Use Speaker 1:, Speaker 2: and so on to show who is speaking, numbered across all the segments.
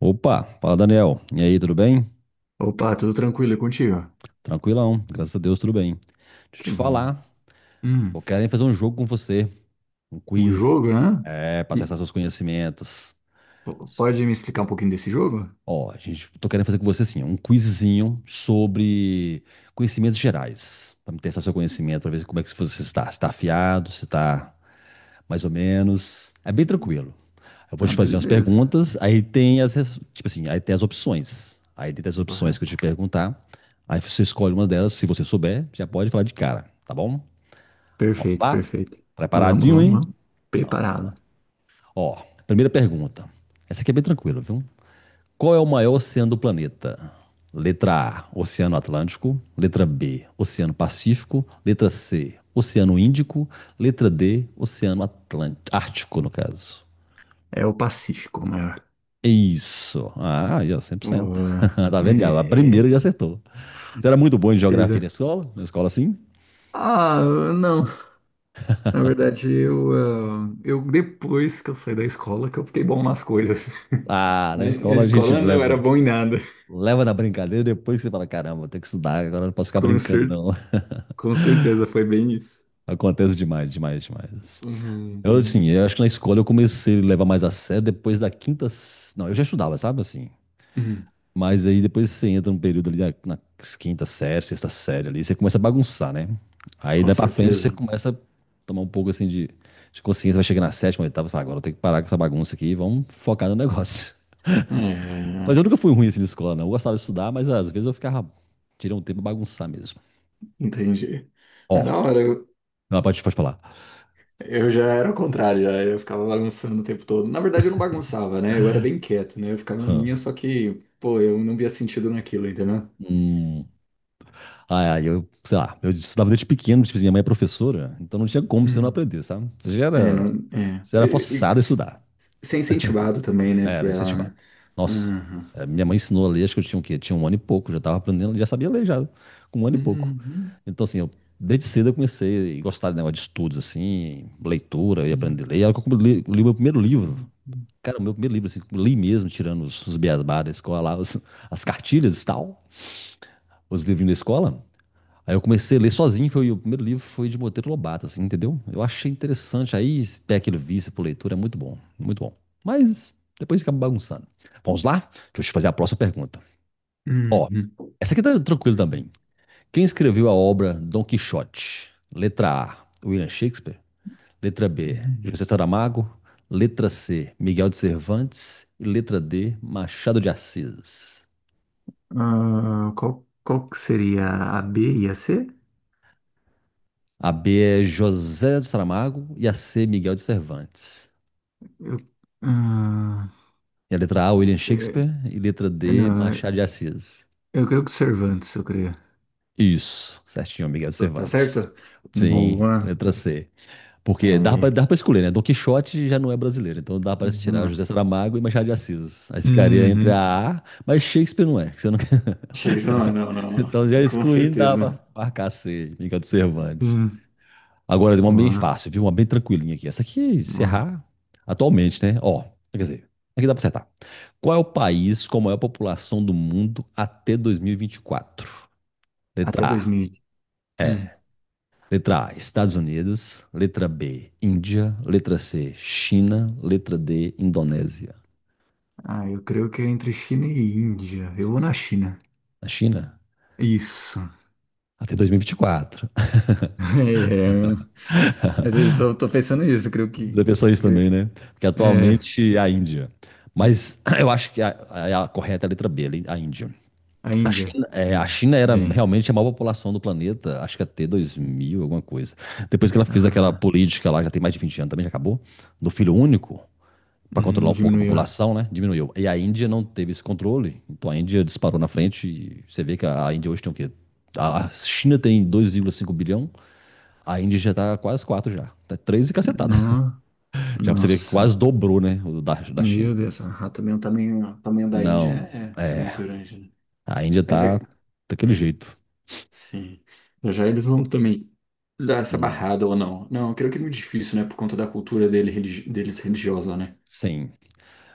Speaker 1: Opa, fala Daniel. E aí, tudo bem?
Speaker 2: Opa, tudo tranquilo e contigo?
Speaker 1: Tranquilão, graças a Deus, tudo bem. Deixa eu
Speaker 2: Que
Speaker 1: te
Speaker 2: bom.
Speaker 1: falar,
Speaker 2: Hum,
Speaker 1: eu quero fazer um jogo com você, um
Speaker 2: um
Speaker 1: quiz.
Speaker 2: jogo, né?
Speaker 1: É, pra
Speaker 2: E
Speaker 1: testar seus conhecimentos.
Speaker 2: pode me explicar um pouquinho desse jogo?
Speaker 1: Ó, gente, tô querendo fazer com você assim, um quizzinho sobre conhecimentos gerais, pra me testar seu conhecimento, pra ver como é que você está, se tá afiado, se tá mais ou menos. É bem tranquilo. Eu vou
Speaker 2: Ah,
Speaker 1: te fazer umas
Speaker 2: beleza.
Speaker 1: perguntas, aí tem as, tipo assim, aí tem as opções. Aí tem as opções que eu
Speaker 2: Correto.
Speaker 1: te perguntar. Aí você escolhe uma delas, se você souber, já pode falar de cara, tá bom? Vamos
Speaker 2: Perfeito,
Speaker 1: lá?
Speaker 2: perfeito. Vamos,
Speaker 1: Preparadinho,
Speaker 2: vamos, vamos.
Speaker 1: hein? Tá bom.
Speaker 2: Preparado.
Speaker 1: Ó, primeira pergunta. Essa aqui é bem tranquila, viu? Qual é o maior oceano do planeta? Letra A, Oceano Atlântico. Letra B, Oceano Pacífico. Letra C, Oceano Índico. Letra D, Oceano Atlântico, Ártico, no caso.
Speaker 2: É o Pacífico o maior.
Speaker 1: Isso. Ah, aí, ó, 100%.
Speaker 2: O-
Speaker 1: Tá vendo já? A primeira
Speaker 2: é-
Speaker 1: já acertou. Você era muito bom em geografia na
Speaker 2: Beleza.
Speaker 1: escola? Na escola, sim?
Speaker 2: Ah, não. Na verdade, eu depois que eu saí da escola que eu fiquei bom nas coisas.
Speaker 1: Ah, na
Speaker 2: Na
Speaker 1: escola a gente
Speaker 2: escola eu não era
Speaker 1: leva,
Speaker 2: bom em nada.
Speaker 1: leva na brincadeira depois que você fala, caramba, tenho que estudar, agora não posso ficar
Speaker 2: Com
Speaker 1: brincando,
Speaker 2: cer-
Speaker 1: não.
Speaker 2: com certeza foi bem isso.
Speaker 1: Acontece demais, demais, demais.
Speaker 2: Uhum.
Speaker 1: Eu, assim, eu acho que na escola eu comecei a levar mais a sério depois da quinta... Não, eu já estudava, sabe, assim...
Speaker 2: Hum,
Speaker 1: Mas aí depois você entra um período ali na, na quinta série, sexta série ali, você começa a bagunçar, né? Aí
Speaker 2: com
Speaker 1: daí pra frente você
Speaker 2: certeza.
Speaker 1: começa a tomar um pouco assim de consciência, vai chegar na sétima, oitava, e fala, agora eu tenho que parar com essa bagunça aqui e vamos focar no negócio. Mas
Speaker 2: É,
Speaker 1: eu nunca fui ruim assim de escola, não. Eu gostava de estudar, mas às vezes eu ficava, tirei um tempo pra bagunçar mesmo.
Speaker 2: entendi. Mas
Speaker 1: Ó,
Speaker 2: da hora,
Speaker 1: não, pode, pode falar.
Speaker 2: eu já era o contrário, já, eu ficava bagunçando o tempo todo. Na verdade, eu não bagunçava, né? Eu era bem quieto, né? Eu ficava na
Speaker 1: Hã.
Speaker 2: minha, só que, pô, eu não via sentido naquilo, entendeu?
Speaker 1: Hum. ai Aí eu, sei lá, eu estudava desde pequeno, tipo, minha mãe é professora, então não tinha como você não
Speaker 2: Hum.
Speaker 1: aprender, sabe? Você já
Speaker 2: É, não,
Speaker 1: era,
Speaker 2: é.
Speaker 1: você era forçado a estudar.
Speaker 2: Ser incentivado também, né, por
Speaker 1: Era
Speaker 2: ela,
Speaker 1: incentivado.
Speaker 2: né?
Speaker 1: Nossa,
Speaker 2: Uhum.
Speaker 1: é, minha mãe ensinou a ler, acho que eu tinha o quê? Tinha um ano e pouco, já tava aprendendo, já sabia ler já, com um ano e pouco.
Speaker 2: Uhum.
Speaker 1: Então, assim, eu, desde cedo eu comecei a gostar de negócio de estudos, assim, leitura e
Speaker 2: Uhum.
Speaker 1: aprender a ler. Aí eu li, li meu primeiro livro.
Speaker 2: Uhum.
Speaker 1: Cara, o meu primeiro livro, assim, que eu li mesmo, tirando os beabá da escola lá, as cartilhas e tal, os livrinhos da escola. Aí eu comecei a ler sozinho, foi o primeiro livro foi de Monteiro Lobato, assim, entendeu? Eu achei interessante, aí peguei aquele vício por leitura, é muito bom, muito bom. Mas depois fica bagunçando. Vamos lá? Deixa eu te fazer a próxima pergunta. Ó,
Speaker 2: Uhum.
Speaker 1: essa aqui tá tranquila também. Quem escreveu a obra Dom Quixote? Letra A, William Shakespeare. Letra B,
Speaker 2: Uhum.
Speaker 1: José Saramago. Letra C, Miguel de Cervantes. E letra D, Machado de Assis.
Speaker 2: Ah, qual, qual que seria a B e a C?
Speaker 1: A B é José Saramago e a C, Miguel de Cervantes.
Speaker 2: Eu, ah,
Speaker 1: E a letra A, William
Speaker 2: é,
Speaker 1: Shakespeare. E letra D,
Speaker 2: Não,
Speaker 1: Machado de Assis.
Speaker 2: eu creio que Cervantes, eu creio.
Speaker 1: Isso, certinho, Miguel
Speaker 2: Tá
Speaker 1: Cervantes.
Speaker 2: certo?
Speaker 1: Sim,
Speaker 2: Boa.
Speaker 1: letra C. Porque
Speaker 2: Aí.
Speaker 1: dá pra escolher, né? Dom Quixote já não é brasileiro, então dá pra se tirar
Speaker 2: Não é.
Speaker 1: José Saramago e Machado de Assis. Aí ficaria entre
Speaker 2: Uhum.
Speaker 1: a A, mas Shakespeare não é, que você não quer.
Speaker 2: Shakespeare não é, não, não,
Speaker 1: Então já
Speaker 2: não. Com
Speaker 1: excluindo, dá
Speaker 2: certeza.
Speaker 1: pra marcar C, Miguel de Cervantes.
Speaker 2: Hum,
Speaker 1: Agora, deu uma bem
Speaker 2: boa,
Speaker 1: fácil, viu? Uma bem tranquilinha aqui. Essa aqui, se
Speaker 2: boa.
Speaker 1: errar, atualmente, né? Ó, quer dizer, aqui dá pra acertar. Qual é o país com a maior população do mundo até 2024?
Speaker 2: Até
Speaker 1: Letra A,
Speaker 2: 2000. Hum.
Speaker 1: é. Letra A, Estados Unidos. Letra B, Índia. Letra C, China. Letra D, Indonésia.
Speaker 2: Ah, eu creio que é entre China e Índia. Eu vou na China.
Speaker 1: A China?
Speaker 2: Isso.
Speaker 1: Até 2024.
Speaker 2: É, eu- às vezes eu tô pensando nisso,
Speaker 1: Você pensou isso também, né? Porque
Speaker 2: É,
Speaker 1: atualmente é a Índia. Mas eu acho que a correta é a letra B, a Índia.
Speaker 2: a
Speaker 1: A
Speaker 2: Índia.
Speaker 1: China, é, a
Speaker 2: Né?
Speaker 1: China era
Speaker 2: Bem.
Speaker 1: realmente a maior população do planeta, acho que até 2000 alguma coisa. Depois que ela fez aquela
Speaker 2: Aham.
Speaker 1: política lá, já tem mais de 20 anos também, já acabou, do filho único, para controlar um pouco a
Speaker 2: Diminuiu.
Speaker 1: população, né? Diminuiu. E a Índia não teve esse controle, então a Índia disparou na frente e você vê que a Índia hoje tem o quê? A China tem 2,5 bilhão, a Índia já tá quase 4 já. Tá 3 e cacetada.
Speaker 2: No,
Speaker 1: Já pra você ver que quase
Speaker 2: nossa.
Speaker 1: dobrou, né, o da, da China.
Speaker 2: Meu Deus, ah, também o tamanho da Índia
Speaker 1: Não,
Speaker 2: é
Speaker 1: é,
Speaker 2: muito grande, né?
Speaker 1: a Índia
Speaker 2: Mas é,
Speaker 1: tá daquele
Speaker 2: é,
Speaker 1: jeito.
Speaker 2: sim. Já já eles vão também dar essa
Speaker 1: Hum.
Speaker 2: barrada ou não. Não, eu creio que é muito difícil, né? Por conta da cultura dele, deles religiosa, né?
Speaker 1: Sim.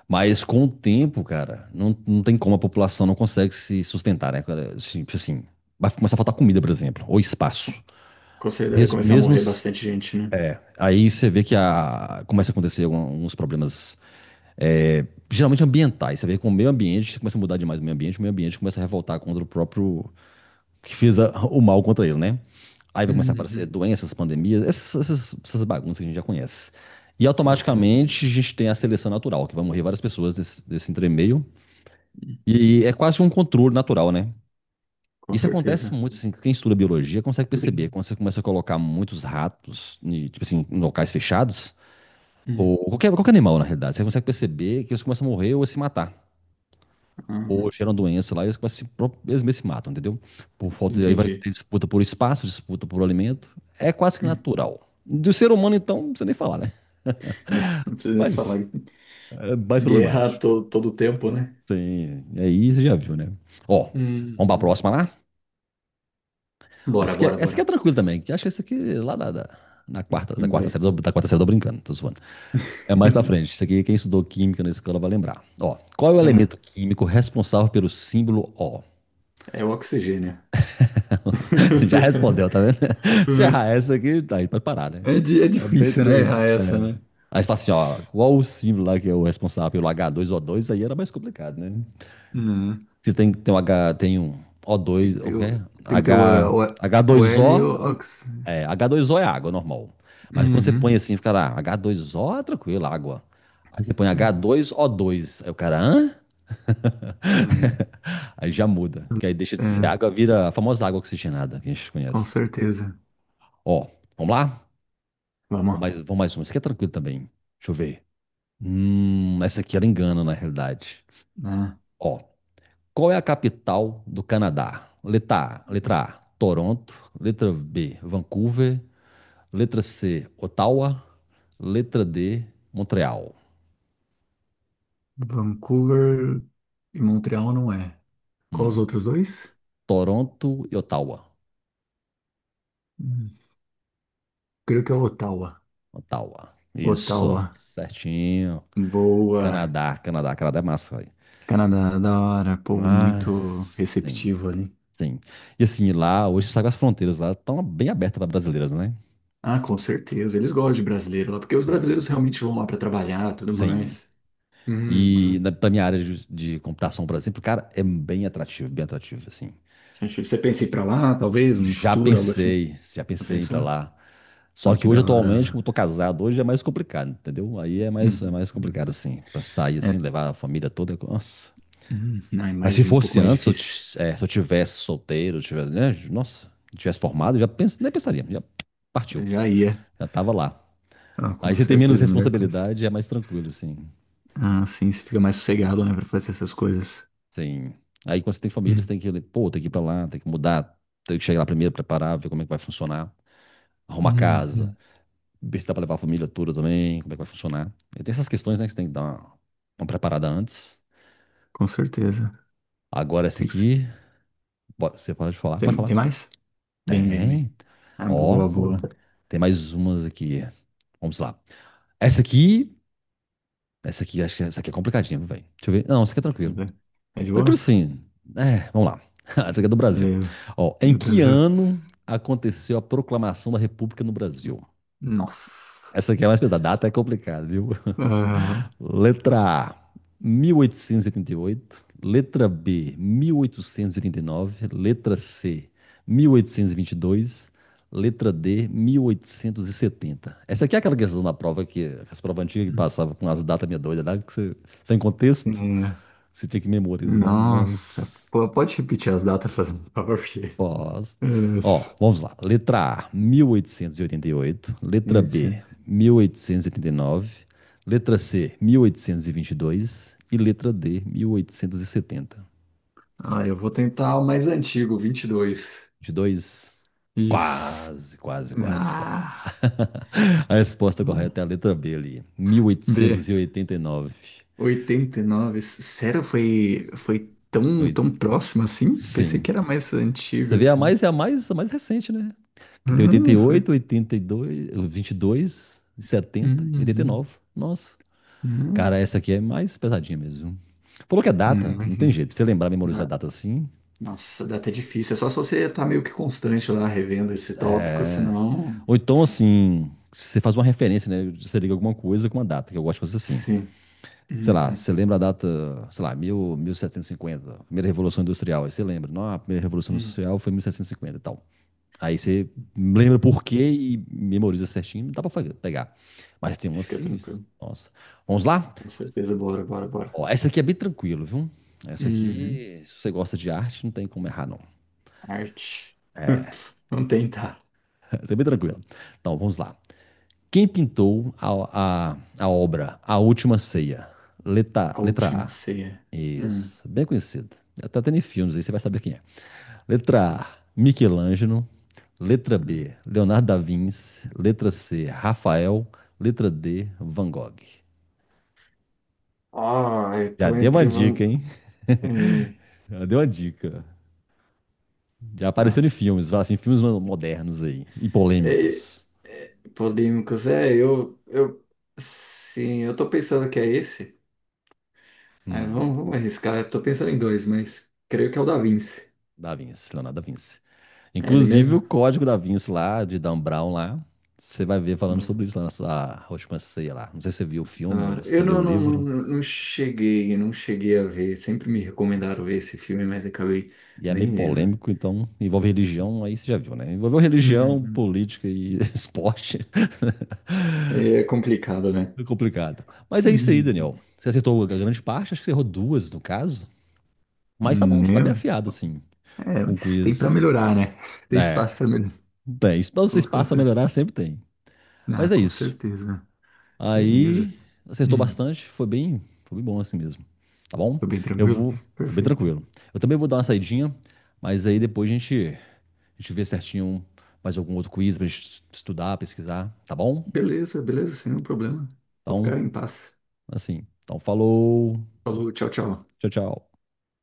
Speaker 1: Mas com o tempo, cara, não, não tem como a população não consegue se sustentar, né? Cara? Assim, tipo assim, vai começar a faltar comida, por exemplo, ou espaço.
Speaker 2: Com certeza deve
Speaker 1: Mesmo,
Speaker 2: começar a
Speaker 1: mesmo
Speaker 2: morrer
Speaker 1: s-
Speaker 2: bastante gente, né?
Speaker 1: aí você vê que a, começa a acontecer alguns problemas, é, geralmente ambientais. Você vê que com o meio ambiente começa a mudar demais o meio ambiente começa a revoltar contra o próprio que fez o mal contra ele, né? Aí vai começar a aparecer
Speaker 2: Uhum.
Speaker 1: doenças, pandemias, essas bagunças que a gente já conhece. E
Speaker 2: Correto.
Speaker 1: automaticamente a gente tem a seleção natural, que vai morrer várias pessoas desse, desse entremeio.
Speaker 2: Hum,
Speaker 1: E é quase um controle natural, né?
Speaker 2: Com
Speaker 1: Isso acontece
Speaker 2: certeza.
Speaker 1: muito, assim, quem estuda biologia consegue perceber,
Speaker 2: Sim.
Speaker 1: quando você começa a colocar muitos ratos, e, tipo assim, em locais fechados, ou
Speaker 2: Hum,
Speaker 1: qualquer, qualquer animal, na realidade, você consegue perceber que eles começam a morrer ou a se matar. Ou
Speaker 2: ah,
Speaker 1: geram doença lá e eles, começam a se, eles mesmos se matam, entendeu? Por falta de, aí vai
Speaker 2: entendi.
Speaker 1: ter disputa por espaço, disputa por alimento. É quase que
Speaker 2: Hum,
Speaker 1: natural. Do ser humano, então, não precisa nem falar, né?
Speaker 2: É, não precisa nem falar.
Speaker 1: Mas é mais problemático.
Speaker 2: Todo tempo, né?
Speaker 1: Sim, aí você já viu, né? Ó, vamos pra
Speaker 2: Uhum.
Speaker 1: próxima lá?
Speaker 2: Bora, bora,
Speaker 1: Essa aqui é
Speaker 2: bora.
Speaker 1: tranquila também, que acho que essa aqui lá na quarta,
Speaker 2: Lembrei.
Speaker 1: da quarta série, tô brincando, tô zoando. É mais pra frente. Isso aqui, quem estudou química na escola vai lembrar. Ó, qual é o
Speaker 2: Hum,
Speaker 1: elemento químico responsável pelo símbolo O?
Speaker 2: é o oxigênio.
Speaker 1: Já respondeu, tá vendo? Se errar essa aqui, tá aí, pode parar, né?
Speaker 2: É
Speaker 1: É bem
Speaker 2: difícil, né?
Speaker 1: tranquilo.
Speaker 2: Errar essa, né?
Speaker 1: Aí você fala assim, ó, qual o símbolo lá que é o responsável pelo h dois o dois? Aí era mais complicado, né?
Speaker 2: Né?
Speaker 1: Que tem, tem um H, tem um o
Speaker 2: Tem
Speaker 1: dois
Speaker 2: que
Speaker 1: o
Speaker 2: ter, o-
Speaker 1: quê?
Speaker 2: tem que ter
Speaker 1: H,
Speaker 2: o, o L e o
Speaker 1: H2O,
Speaker 2: Ox.
Speaker 1: é, h dois o é água normal. Mas quando você põe
Speaker 2: Uhum.
Speaker 1: assim, fica lá, h dois o é tranquilo, água. Aí você põe h
Speaker 2: Hum.
Speaker 1: dois o dois aí o cara, hã?
Speaker 2: Uhum.
Speaker 1: Aí já muda, que aí deixa de ser
Speaker 2: É,
Speaker 1: água, vira a famosa água oxigenada que a gente
Speaker 2: com
Speaker 1: conhece.
Speaker 2: certeza.
Speaker 1: Ó, vamos lá?
Speaker 2: Vamos.
Speaker 1: Vamos mais uma. Essa aqui é tranquilo também. Deixa eu ver. Essa aqui ela engana na realidade.
Speaker 2: Lá.
Speaker 1: Ó, qual é a capital do Canadá? Letra A, Toronto. Letra B, Vancouver. Letra C, Ottawa. Letra D, Montreal.
Speaker 2: Vancouver e Montreal não é. Qual os
Speaker 1: Hum,
Speaker 2: outros dois?
Speaker 1: Toronto e Ottawa.
Speaker 2: Hum. Creio que é Ottawa.
Speaker 1: Ottawa.
Speaker 2: Ottawa.
Speaker 1: Isso, certinho.
Speaker 2: Boa.
Speaker 1: Canadá, Canadá, Canadá é massa, velho.
Speaker 2: Canadá, da hora. Povo muito
Speaker 1: Mas, sim,
Speaker 2: receptivo ali.
Speaker 1: sim. E assim, lá, hoje você sabe as fronteiras lá estão bem abertas para brasileiras, né?
Speaker 2: Ah, com certeza. Eles gostam de brasileiro lá, porque os brasileiros
Speaker 1: Sim,
Speaker 2: realmente vão lá para trabalhar, tudo
Speaker 1: sim.
Speaker 2: mais.
Speaker 1: E
Speaker 2: Uhum.
Speaker 1: na, pra minha área de computação, por exemplo, cara, é bem atrativo, assim.
Speaker 2: Acho que você pensa em ir para lá, talvez, no futuro, algo assim?
Speaker 1: Já
Speaker 2: Já
Speaker 1: pensei em ir pra
Speaker 2: pensou?
Speaker 1: lá. Só
Speaker 2: Oh,
Speaker 1: que
Speaker 2: que da
Speaker 1: hoje,
Speaker 2: hora,
Speaker 1: atualmente,
Speaker 2: Ana.
Speaker 1: como eu tô casado, hoje é mais complicado, entendeu? Aí
Speaker 2: Hum.
Speaker 1: é mais complicado, assim, pra sair, assim,
Speaker 2: É,
Speaker 1: levar a família toda. Nossa.
Speaker 2: ah,
Speaker 1: Mas se
Speaker 2: imagino, um pouco
Speaker 1: fosse
Speaker 2: mais
Speaker 1: antes, se eu,
Speaker 2: difícil.
Speaker 1: é, se eu tivesse solteiro, eu tivesse, né? Nossa, tivesse formado, eu já nem pensaria, já partiu,
Speaker 2: Eu já ia.
Speaker 1: já tava lá.
Speaker 2: Ah,
Speaker 1: Aí
Speaker 2: com
Speaker 1: você tem menos
Speaker 2: certeza, a melhor coisa.
Speaker 1: responsabilidade, é mais tranquilo, assim.
Speaker 2: Ah, sim, você fica mais sossegado, né, pra fazer essas coisas.
Speaker 1: Sim. Aí quando você tem família, você
Speaker 2: Hum.
Speaker 1: tem que, pô, tem que ir pra lá, tem que mudar, tem que chegar lá primeiro, preparar, ver como é que vai funcionar, arrumar casa.
Speaker 2: Uhum.
Speaker 1: Ver se dá pra levar a família toda também, como é que vai funcionar. E tem essas questões, né, que você tem que dar uma preparada antes.
Speaker 2: Com certeza.
Speaker 1: Agora essa
Speaker 2: Tem que... se-
Speaker 1: aqui, você pode falar? Pode
Speaker 2: Tem, tem
Speaker 1: falar.
Speaker 2: mais? Bem, bem, bem.
Speaker 1: Tem.
Speaker 2: Ah,
Speaker 1: Ó,
Speaker 2: boa, boa.
Speaker 1: tem mais umas aqui. Vamos lá. Essa aqui, essa aqui, acho que essa aqui é complicadinha, viu, velho. Deixa eu ver. Não, essa aqui é
Speaker 2: Isso
Speaker 1: tranquilo.
Speaker 2: né? É de
Speaker 1: Tranquilo
Speaker 2: boa?
Speaker 1: sim. É, vamos lá. Essa aqui é do Brasil.
Speaker 2: Beleza.
Speaker 1: Ó, em
Speaker 2: No
Speaker 1: que
Speaker 2: Brasil?
Speaker 1: ano aconteceu a proclamação da República no Brasil?
Speaker 2: Nossa.
Speaker 1: Essa aqui é mais pesada. A data é complicada, viu?
Speaker 2: Aham.
Speaker 1: Letra A, 1888. Letra B, 1889. Letra C, 1822. Letra D, 1870. Essa aqui é aquela questão da prova que as provas antigas que passavam com as datas meia doida, né? Sem contexto,
Speaker 2: Hum. É.
Speaker 1: você tinha que memorizar.
Speaker 2: Nossa.
Speaker 1: Nossa.
Speaker 2: Pô, pode repetir as datas, fazendo um favor?
Speaker 1: Posso.
Speaker 2: Nossa.
Speaker 1: Ó, vamos lá. Letra A, mil oitocentos e oitenta e oito. Letra
Speaker 2: Isso.
Speaker 1: B, 1889. Letra C, mil oitocentos e vinte e dois. E letra D, 1870.
Speaker 2: Ah, eu vou tentar o mais antigo, vinte e dois.
Speaker 1: Vinte e dois,
Speaker 2: Isso.
Speaker 1: quase, quase, quase, quase.
Speaker 2: Ah.
Speaker 1: A resposta
Speaker 2: Hum.
Speaker 1: correta é a letra B ali, mil oitocentos e
Speaker 2: B.
Speaker 1: e oitenta e nove.
Speaker 2: 89. Sério, foi, foi tão,
Speaker 1: Oi,
Speaker 2: tão próximo assim? Pensei
Speaker 1: sim.
Speaker 2: que era mais
Speaker 1: Você
Speaker 2: antigo
Speaker 1: vê
Speaker 2: assim.
Speaker 1: é a mais recente, né? Que tem oitenta
Speaker 2: Ah,
Speaker 1: e
Speaker 2: foi.
Speaker 1: oito, oitenta e dois, dois, vinte e setenta, e oitenta e
Speaker 2: Uhum.
Speaker 1: nove. Nossa. Cara,
Speaker 2: Uhum.
Speaker 1: essa aqui é mais pesadinha mesmo. Falou que é
Speaker 2: Uhum.
Speaker 1: data, não tem
Speaker 2: Imagina.
Speaker 1: jeito. Pra você lembrar, memorizar a data assim.
Speaker 2: Nossa, dá até difícil. É só se você tá meio que constante lá revendo esse tópico, senão.
Speaker 1: Ou então,
Speaker 2: s-
Speaker 1: assim, você faz uma referência, né? Você liga alguma coisa com uma data, que eu gosto de fazer assim.
Speaker 2: Sim.
Speaker 1: Sei lá,
Speaker 2: Uhum,
Speaker 1: você lembra a data, sei lá, 1000, 1750, primeira Revolução Industrial. Aí você lembra, não, a primeira Revolução
Speaker 2: uhum.
Speaker 1: Industrial foi 1750 e cinquenta e tal. Aí você lembra por quê e memoriza certinho, dá pra pegar. Mas tem umas
Speaker 2: Fica
Speaker 1: que,
Speaker 2: tranquilo.
Speaker 1: nossa. Vamos lá?
Speaker 2: Com certeza. Bora, bora, bora.
Speaker 1: Ó, essa aqui é bem tranquilo, viu? Essa
Speaker 2: Uhum.
Speaker 1: aqui, se você gosta de arte, não tem como errar, não.
Speaker 2: Arte. Vamos tentar.
Speaker 1: Essa é bem tranquila. Então, vamos lá. Quem pintou a obra A Última Ceia? Letra,
Speaker 2: A
Speaker 1: letra
Speaker 2: última
Speaker 1: A.
Speaker 2: ceia. Hum,
Speaker 1: Isso, bem conhecido. Tá tendo em filmes aí, você vai saber quem é. Letra A, Michelangelo. Letra
Speaker 2: hum.
Speaker 1: B, Leonardo da Vinci. Letra C, Rafael. Letra D, Van Gogh.
Speaker 2: Ah, eu
Speaker 1: Já
Speaker 2: tô
Speaker 1: deu uma
Speaker 2: entre. Van-
Speaker 1: dica, hein?
Speaker 2: eh,
Speaker 1: Já deu uma dica. Já apareceu em
Speaker 2: Nossa.
Speaker 1: filmes, assim, filmes modernos aí, e
Speaker 2: Eh,
Speaker 1: polêmicos.
Speaker 2: polêmicos. É, eu, eu. Sim, eu tô pensando que é esse. Ah,
Speaker 1: Hum,
Speaker 2: vamos, vamos arriscar. Eu tô pensando em dois, mas creio que é o da Vinci.
Speaker 1: da Vinci, Leonardo da Vinci.
Speaker 2: É ele
Speaker 1: Inclusive
Speaker 2: mesmo?
Speaker 1: o código da Vinci lá, de Dan Brown lá, você vai ver falando sobre
Speaker 2: Boa.
Speaker 1: isso lá nessa última ceia lá. Não sei se você viu o
Speaker 2: Da
Speaker 1: filme ou
Speaker 2: hora.
Speaker 1: se você
Speaker 2: Eu
Speaker 1: leu
Speaker 2: não,
Speaker 1: o
Speaker 2: não, não,
Speaker 1: livro,
Speaker 2: não cheguei, não cheguei a ver. Sempre me recomendaram ver esse filme, mas acabei
Speaker 1: e é meio
Speaker 2: nem vendo.
Speaker 1: polêmico, então envolve religião, aí você já viu, né? Envolveu religião,
Speaker 2: Uhum.
Speaker 1: política e esporte,
Speaker 2: É complicado, né?
Speaker 1: é complicado. Mas é isso aí,
Speaker 2: Uhum.
Speaker 1: Daniel. Você acertou a grande parte, acho que você errou duas no caso, mas tá bom, você tá bem
Speaker 2: Não.
Speaker 1: afiado assim,
Speaker 2: É,
Speaker 1: com o
Speaker 2: mas tem pra
Speaker 1: quiz.
Speaker 2: melhorar, né? Tem
Speaker 1: É,
Speaker 2: espaço pra melhorar.
Speaker 1: bem, isso pra vocês
Speaker 2: Com
Speaker 1: passam pra
Speaker 2: certeza.
Speaker 1: melhorar, sempre tem.
Speaker 2: Ah,
Speaker 1: Mas é
Speaker 2: com
Speaker 1: isso.
Speaker 2: certeza. Beleza.
Speaker 1: Aí acertou
Speaker 2: Hum.
Speaker 1: bastante, foi bem bom assim mesmo. Tá bom?
Speaker 2: Tô bem
Speaker 1: Eu
Speaker 2: tranquilo?
Speaker 1: vou, foi bem
Speaker 2: Perfeito.
Speaker 1: tranquilo. Eu também vou dar uma saidinha, mas aí depois a gente vê certinho mais algum outro quiz pra gente estudar, pesquisar, tá bom?
Speaker 2: Beleza, beleza, sem nenhum problema. Vou ficar
Speaker 1: Então,
Speaker 2: em paz.
Speaker 1: assim, então falou.
Speaker 2: Falou, tchau, tchau.
Speaker 1: Tchau, tchau.